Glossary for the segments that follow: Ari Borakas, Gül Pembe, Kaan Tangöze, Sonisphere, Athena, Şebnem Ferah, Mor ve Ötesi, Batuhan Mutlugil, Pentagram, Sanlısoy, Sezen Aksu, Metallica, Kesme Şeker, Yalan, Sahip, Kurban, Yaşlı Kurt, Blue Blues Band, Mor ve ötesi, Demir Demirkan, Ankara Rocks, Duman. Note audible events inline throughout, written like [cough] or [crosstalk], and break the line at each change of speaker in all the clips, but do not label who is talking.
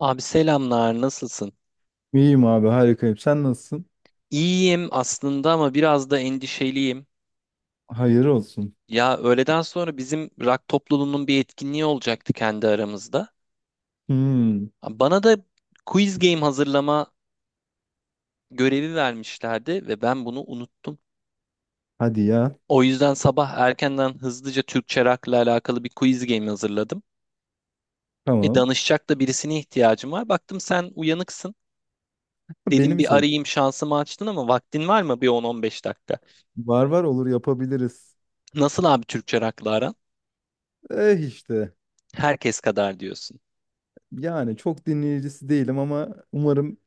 Abi selamlar, nasılsın?
İyiyim abi harikayım. Sen nasılsın?
İyiyim aslında ama biraz da endişeliyim.
Hayır olsun.
Ya öğleden sonra bizim rock topluluğunun bir etkinliği olacaktı kendi aramızda.
Hmm,
Bana da quiz game hazırlama görevi vermişlerdi ve ben bunu unuttum.
hadi ya.
O yüzden sabah erkenden hızlıca Türkçe rock'la alakalı bir quiz game hazırladım. E
Tamam.
danışacak da birisine ihtiyacım var. Baktım sen uyanıksın.
Beni
Dedim
mi
bir
sevdin?
arayayım şansımı açtın ama vaktin var mı bir 10-15 dakika?
Var, olur, yapabiliriz.
Nasıl abi Türkçe rock'la aran?
Eh işte.
Herkes kadar diyorsun.
Yani çok dinleyicisi değilim ama umarım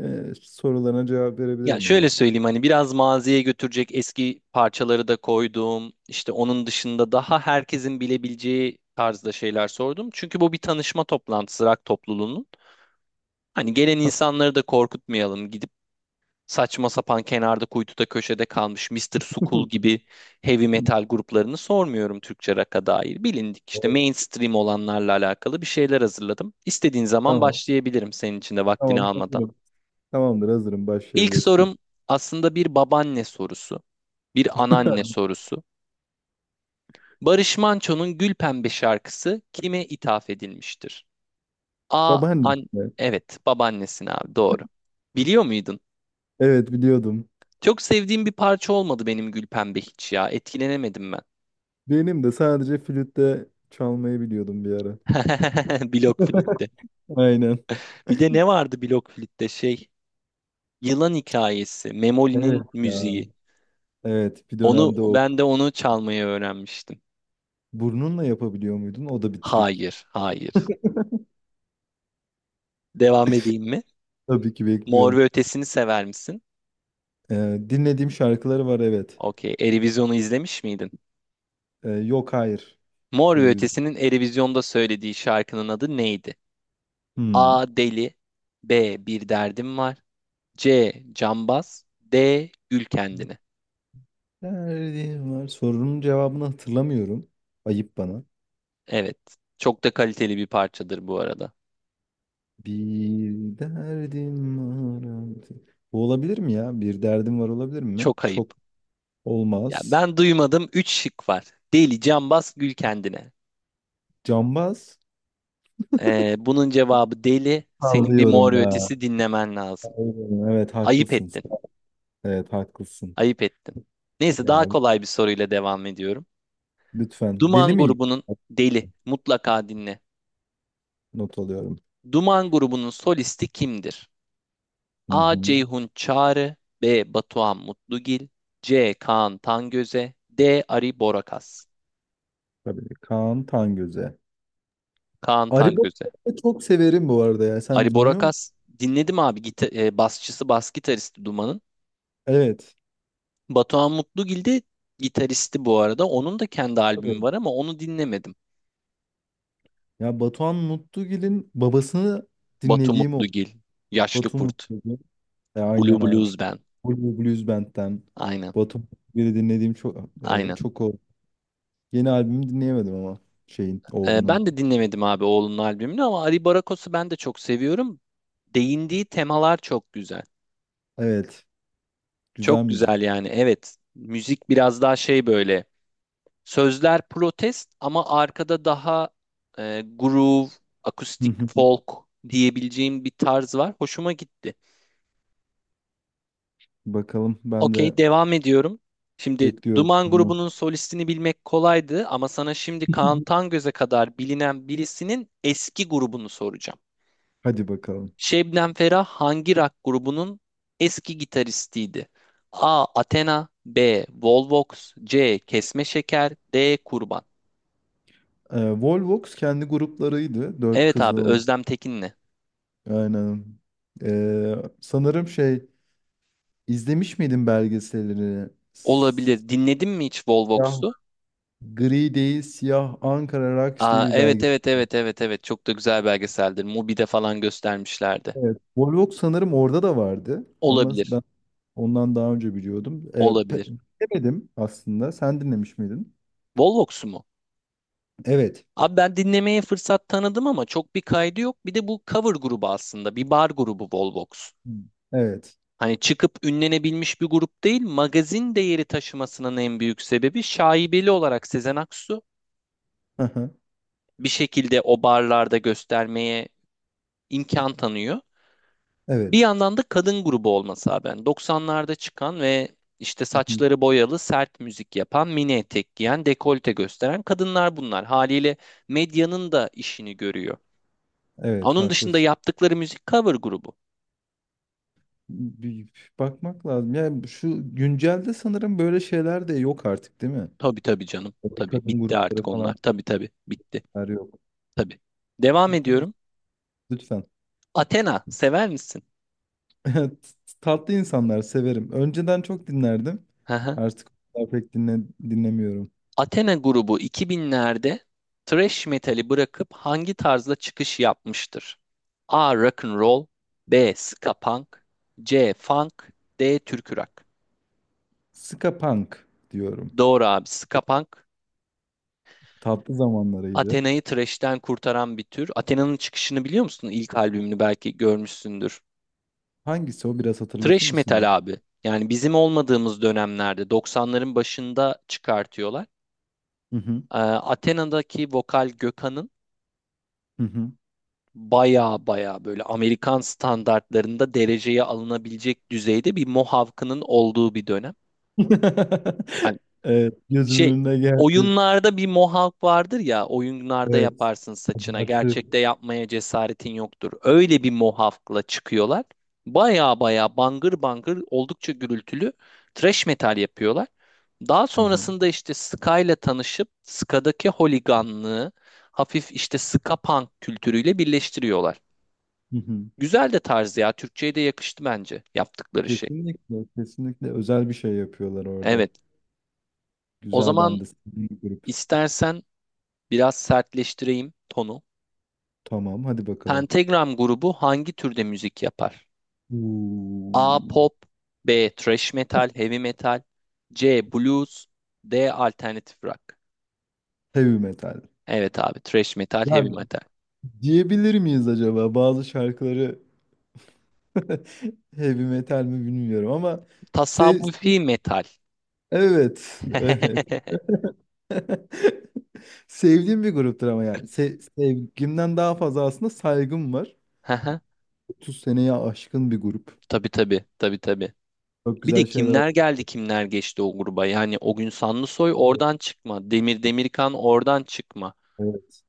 sorularına cevap
Ya
verebilirim ya.
şöyle söyleyeyim hani biraz maziye götürecek eski parçaları da koydum. İşte onun dışında daha herkesin bilebileceği tarzda şeyler sordum. Çünkü bu bir tanışma toplantısı rock topluluğunun. Hani gelen insanları da korkutmayalım. Gidip saçma sapan kenarda kuytuda köşede kalmış Mister Sukul gibi heavy metal
[laughs]
gruplarını sormuyorum Türkçe rock'a dair. Bilindik işte
Evet.
mainstream olanlarla alakalı bir şeyler hazırladım. İstediğin zaman
Tamam.
başlayabilirim senin için de vaktini
Tamam
almadan.
hazırım. Tamamdır hazırım
İlk
başlayabilirsin.
sorum aslında bir babaanne sorusu. Bir anneanne sorusu. Barış Manço'nun Gül Pembe şarkısı kime ithaf edilmiştir? A.
Babaanne.
Evet, babaannesine abi doğru. Biliyor muydun?
Evet biliyordum.
Çok sevdiğim bir parça olmadı benim Gül Pembe hiç ya. Etkilenemedim ben.
Benim de sadece flütte çalmayı biliyordum bir ara.
[laughs] Blok flütte.
Aynen.
Bir de ne vardı blok flütte şey? Yılan hikayesi.
Evet
Memoli'nin
ya.
müziği.
Evet bir
Onu
dönemde o.
ben de onu çalmayı öğrenmiştim.
Burnunla yapabiliyor muydun? O da bir trik.
Hayır, hayır. Devam edeyim mi?
Tabii ki
Mor
bekliyorum.
ve Ötesi'ni sever misin?
Dinlediğim şarkıları var evet.
Okey. Eurovision'u izlemiş miydin?
Yok hayır.
Mor ve
Bir-
Ötesi'nin Eurovision'da söylediği şarkının adı neydi?
Hmm.
A. Deli B. Bir derdim var C. Cambaz D. Gül kendine.
Derdim var. Sorunun cevabını hatırlamıyorum. Ayıp bana.
Evet. Çok da kaliteli bir parçadır bu arada.
Bir derdim var. Artık. Bu olabilir mi ya? Bir derdim var olabilir mi?
Çok ayıp.
Çok
Ya
olmaz.
ben duymadım. Üç şık var. Deli, Cambaz, Gül kendine.
Cambaz.
Bunun cevabı deli. Senin bir Mor
Sallıyorum
ve
ya.
Ötesi dinlemen lazım.
Aynen, evet
Ayıp
haklısın.
ettin.
Evet haklısın.
Ayıp ettin. Neyse daha
Ya
kolay bir soruyla devam ediyorum.
lütfen. Deli
Duman
miyim?
grubunun Deli mutlaka dinle.
Not alıyorum.
Duman grubunun solisti kimdir?
Hı
A.
hı.
Ceyhun Çağrı B. Batuhan Mutlugil C. Kaan Tangöze D. Ari Borakas.
Tabii. Kaan Tangöze.
Kaan Tangöze.
Arıbot'u çok severim bu arada ya. Sen
Ari
dinliyor musun?
Borakas dinledim abi basçısı bas gitaristi Duman'ın.
Evet.
Batuhan Mutlugil de gitaristi bu arada. Onun da kendi albümü
Tabii.
var ama onu dinlemedim.
Ya Batuhan Mutlugil'in babasını
Batu
dinlediğim o.
Mutlugil, Yaşlı
Batu
Kurt,
Mutlugil.
Blue
Aynen abi.
Blues
İşte
Band.
Blue Blues Band'den.
Aynen,
Batu Mutlugil'i dinlediğim çok
aynen.
çok o. Yeni albümü dinleyemedim ama şeyin oğlunun.
Ben de dinlemedim abi oğlunun albümünü ama Ari Barakos'u ben de çok seviyorum. Değindiği temalar çok güzel.
Evet. Güzel
Çok güzel
müzik.
yani evet. Müzik biraz daha şey böyle. Sözler protest ama arkada daha groove,
Hı
akustik
hı.
folk diyebileceğim bir tarz var. Hoşuma gitti.
Bakalım ben de
Okey devam ediyorum. Şimdi
bekliyorum
Duman
bunu.
grubunun solistini bilmek kolaydı ama sana şimdi Kaan
[laughs]
Tangöz'e kadar bilinen birisinin eski grubunu soracağım.
Hadi bakalım.
Şebnem Ferah hangi rock grubunun eski gitaristiydi? A. Athena B. Volvox C. Kesme Şeker D. Kurban.
Volvox kendi gruplarıydı. Dört
Evet abi
kızdan
Özlem Tekin'le.
aynen. Ee, sanırım şey izlemiş miydin belgeselini?
Olabilir. Dinledin mi hiç
Siyah,
Volvox'u?
gri değil siyah Ankara Rocks diye
Aa,
bir
evet
belgesel.
evet evet evet evet çok da güzel belgeseldir. Mubi'de falan göstermişlerdi.
Evet. Volvox sanırım orada da vardı. Ama
Olabilir.
ben ondan daha önce biliyordum.
Olabilir.
Dinlemedim aslında. Sen dinlemiş miydin?
Volvox'u mu?
Evet.
Abi ben dinlemeye fırsat tanıdım ama çok bir kaydı yok. Bir de bu cover grubu aslında. Bir bar grubu Volvox.
Hmm. Evet.
Hani çıkıp ünlenebilmiş bir grup değil, magazin değeri taşımasının en büyük sebebi şaibeli olarak Sezen Aksu
Aha,
bir şekilde o barlarda göstermeye imkan tanıyor. Bir
evet.
yandan da kadın grubu olması abi. Yani 90'larda çıkan ve işte
Hı hı.
saçları boyalı, sert müzik yapan, mini etek giyen, dekolte gösteren kadınlar bunlar. Haliyle medyanın da işini görüyor.
Evet,
Onun dışında
haklısın.
yaptıkları müzik cover grubu.
Bir bakmak lazım. Yani şu güncelde sanırım böyle şeyler de yok artık, değil mi?
Tabii tabii canım.
Böyle
Tabii
kadın
bitti
grupları
artık onlar.
falan.
Tabii tabii bitti.
Her yok.
Tabii. Devam
Evet,
ediyorum.
lütfen. [laughs]
Athena sever misin?
Tatlı insanlar severim. Önceden çok dinlerdim.
Hı hı.
Artık o kadar pek dinlemiyorum.
Athena grubu 2000'lerde thrash metali bırakıp hangi tarzda çıkış yapmıştır? A. Rock and roll, B. Ska punk, C. Funk, D. Türkü rock.
Ska punk diyorum.
Doğru abi. Ska punk
Tatlı zamanlarıydı.
Athena'yı thrash'ten kurtaran bir tür. Athena'nın çıkışını biliyor musun? İlk albümünü belki görmüşsündür.
Hangisi o? Biraz hatırlatır
Thrash
mısın
metal
bana?
abi. Yani bizim olmadığımız dönemlerde 90'ların başında çıkartıyorlar.
Hı hı.
Athena'daki vokal Gökhan'ın
Hı hı.
baya baya böyle Amerikan standartlarında dereceye alınabilecek düzeyde bir Mohawk'ının olduğu bir dönem. Hani
[laughs] Evet, gözümün
şey
önüne geldi.
oyunlarda bir Mohawk vardır ya oyunlarda
Evet.
yaparsın saçına
Abartı.
gerçekte yapmaya cesaretin yoktur. Öyle bir Mohawk'la çıkıyorlar. Baya baya bangır bangır oldukça gürültülü thrash metal yapıyorlar. Daha
Hı hı.
sonrasında işte Ska'yla tanışıp Ska'daki holiganlığı hafif işte Ska punk kültürüyle birleştiriyorlar.
Hı hı.
Güzel de tarzı ya. Türkçe'ye de yakıştı bence yaptıkları şey.
Kesinlikle, kesinlikle özel bir şey yapıyorlar orada.
Evet. O
Güzel,
zaman
ben de sevdiğim bir grup.
istersen biraz sertleştireyim tonu.
Tamam, hadi bakalım.
Pentagram grubu hangi türde müzik yapar? A.
Uuu.
Pop B. Thrash metal, heavy metal C. Blues D. Alternatif rock.
Heavy metal.
Evet abi. Thrash metal,
Ya
heavy metal.
diyebilir miyiz acaba bazı şarkıları [laughs] heavy metal mi bilmiyorum ama sev
Tasavvufi metal.
evet, evet.
[laughs]
[laughs] Sevdiğim bir gruptur ama yani sevgimden daha fazla aslında saygım var.
Haha.
30 seneye aşkın bir grup.
Tabii tabii. Tabii tabii.
Çok
Bir de
güzel şeyler
kimler
oldu.
geldi kimler geçti o gruba. Yani o gün Sanlısoy
Evet.
oradan çıkma. Demir Demirkan oradan çıkma.
Evet.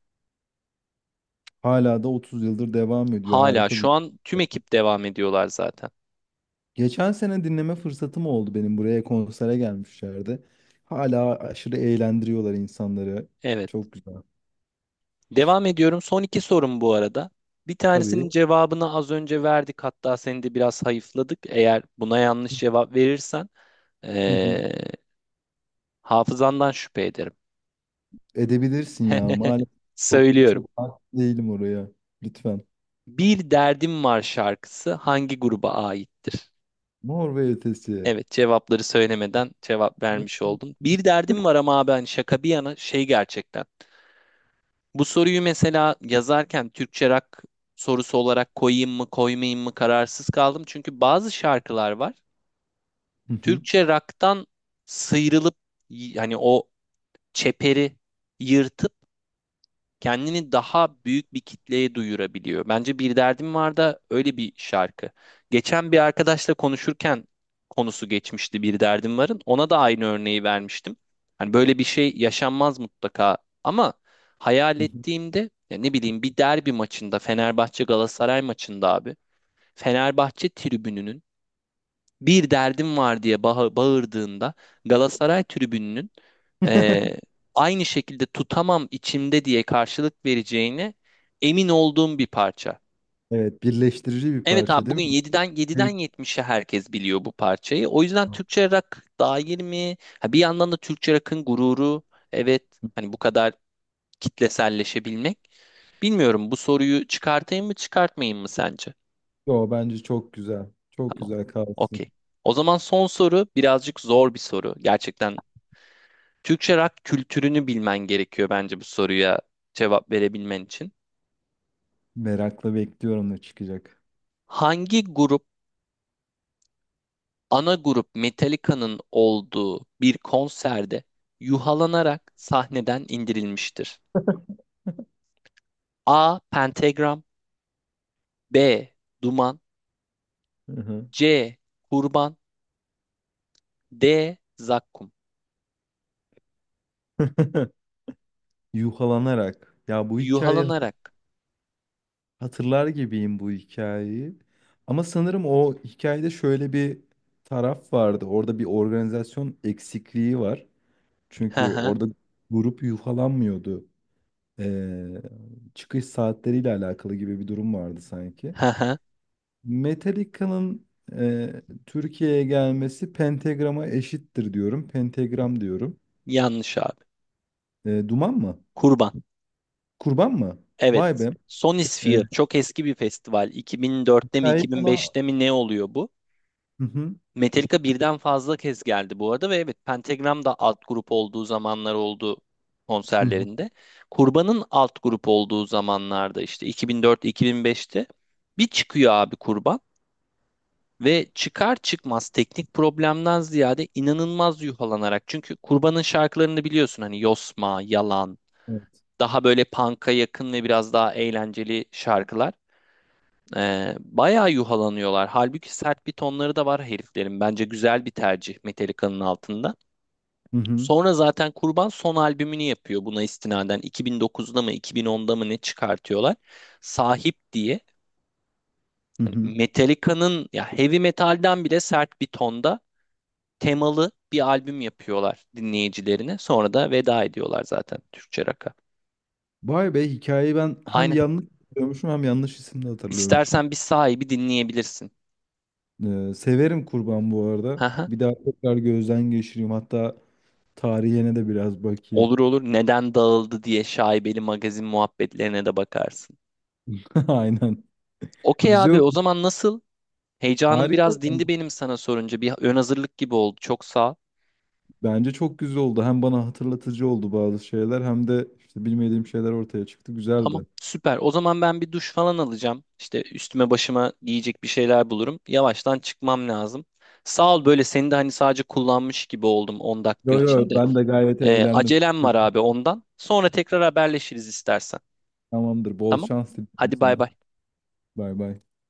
Hala da 30 yıldır devam ediyor.
Hala
Harika bir.
şu an tüm ekip devam ediyorlar zaten.
Geçen sene dinleme fırsatım oldu, benim buraya konsere gelmişlerdi. Hala aşırı eğlendiriyorlar insanları.
Evet.
Çok güzel.
Devam ediyorum. Son iki sorum bu arada. Bir tanesinin
Tabii.
cevabını az önce verdik. Hatta seni de biraz hayıfladık. Eğer buna yanlış cevap verirsen ee,
[laughs]
hafızandan şüphe ederim.
Edebilirsin ya.
[laughs]
Maalesef çok
Söylüyorum.
çok hakim değilim oraya. Lütfen.
Bir Derdim Var şarkısı hangi gruba aittir?
Mor ve ötesi.
Evet cevapları söylemeden cevap vermiş oldum. Bir derdim var ama abi hani şaka bir yana şey gerçekten. Bu soruyu mesela yazarken Türkçe rock sorusu olarak koyayım mı koymayayım mı kararsız kaldım. Çünkü bazı şarkılar var.
Hı hı,
Türkçe rock'tan sıyrılıp hani o çeperi yırtıp kendini daha büyük bir kitleye duyurabiliyor. Bence Bir Derdim Var da öyle bir şarkı. Geçen bir arkadaşla konuşurken konusu geçmişti Bir Derdim Var'ın. Ona da aynı örneği vermiştim. Hani böyle bir şey yaşanmaz mutlaka ama hayal
hı hı.
ettiğimde ya ne bileyim bir derbi maçında Fenerbahçe Galatasaray maçında abi Fenerbahçe tribününün bir derdim var diye bağırdığında Galatasaray tribününün eee,
[laughs]
aynı şekilde tutamam içimde diye karşılık vereceğine emin olduğum bir parça.
Evet, birleştirici bir
Evet
parça
abi
değil mi?
bugün yediden
Büyük.
yetmişe herkes biliyor bu parçayı. O yüzden Türkçe rock dair mi? Ha, bir yandan da Türkçe rock'ın gururu. Evet hani bu kadar kitleselleşebilmek. Bilmiyorum bu soruyu çıkartayım mı çıkartmayayım mı sence?
Yo, bence çok güzel. Çok
Tamam.
güzel kalsın.
Okey. O zaman son soru birazcık zor bir soru. Gerçekten Türkçe rock kültürünü bilmen gerekiyor bence bu soruya cevap verebilmen için.
Merakla bekliyorum ne çıkacak.
Hangi grup, ana grup Metallica'nın olduğu bir konserde yuhalanarak sahneden indirilmiştir? A. Pentagram B. Duman
Hı hı.
C. Kurban D. Zakkum.
[laughs] Yuhalanarak. Ya bu hikayeyi
Yuhalanarak.
hatırlar gibiyim bu hikayeyi. Ama sanırım o hikayede şöyle bir taraf vardı. Orada bir organizasyon eksikliği var.
Hı
Çünkü
hı,
orada grup yufalanmıyordu. Ee, çıkış saatleriyle alakalı gibi bir durum vardı sanki.
hı hı.
Metallica'nın Türkiye'ye gelmesi Pentagram'a eşittir diyorum. Pentagram diyorum.
Yanlış abi.
E, Duman mı?
Kurban.
Kurban mı? Vay
Evet.
be. E,
Sonisphere çok eski bir festival. 2004'te mi
hikayeyi bana...
2005'te mi ne oluyor bu?
Hı hı,
Metallica birden fazla kez geldi bu arada ve evet Pentagram da alt grup olduğu zamanlar oldu
hı hı,
konserlerinde. Kurban'ın alt grup olduğu zamanlarda işte 2004-2005'te bir çıkıyor abi Kurban ve çıkar çıkmaz teknik problemden ziyade inanılmaz yuhalanarak çünkü Kurban'ın şarkılarını biliyorsun hani Yosma, Yalan
evet.
daha böyle punk'a yakın ve biraz daha eğlenceli şarkılar. Bayağı yuhalanıyorlar. Halbuki sert bir tonları da var heriflerin. Bence güzel bir tercih Metallica'nın altında.
Hı hı,
Sonra zaten Kurban son albümünü yapıyor buna istinaden. 2009'da mı 2010'da mı ne çıkartıyorlar? Sahip diye.
hı
Hani
hı.
Metallica'nın ya heavy metalden bile sert bir tonda temalı bir albüm yapıyorlar dinleyicilerine. Sonra da veda ediyorlar zaten Türkçe rock'a.
Vay be, hikayeyi ben hem
Aynen.
yanlış hatırlıyormuşum hem yanlış isimle hatırlıyormuşum.
İstersen bir sahibi dinleyebilirsin.
E, severim kurban bu arada. Bir
[laughs]
daha tekrar gözden geçireyim. Hatta tarihine de biraz bakayım.
Olur olur neden dağıldı diye şaibeli magazin muhabbetlerine de bakarsın.
[laughs] Aynen.
Okey
Güzel
abi o
oldu.
zaman nasıl? Heyecanım
Harika.
biraz dindi benim sana sorunca. Bir ön hazırlık gibi oldu. Çok sağ ol.
Bence çok güzel oldu. Hem bana hatırlatıcı oldu bazı şeyler hem de işte bilmediğim şeyler ortaya çıktı.
Tamam
Güzeldi.
süper. O zaman ben bir duş falan alacağım. İşte üstüme başıma giyecek bir şeyler bulurum. Yavaştan çıkmam lazım. Sağ ol böyle seni de hani sadece kullanmış gibi oldum 10 dakika
Yo yo,
için de.
ben de gayet eğlendim.
Acelem var abi ondan. Sonra tekrar haberleşiriz istersen.
Tamamdır. Bol
Tamam?
şans diliyorum
Hadi bay
sana.
bay.
Bay bay.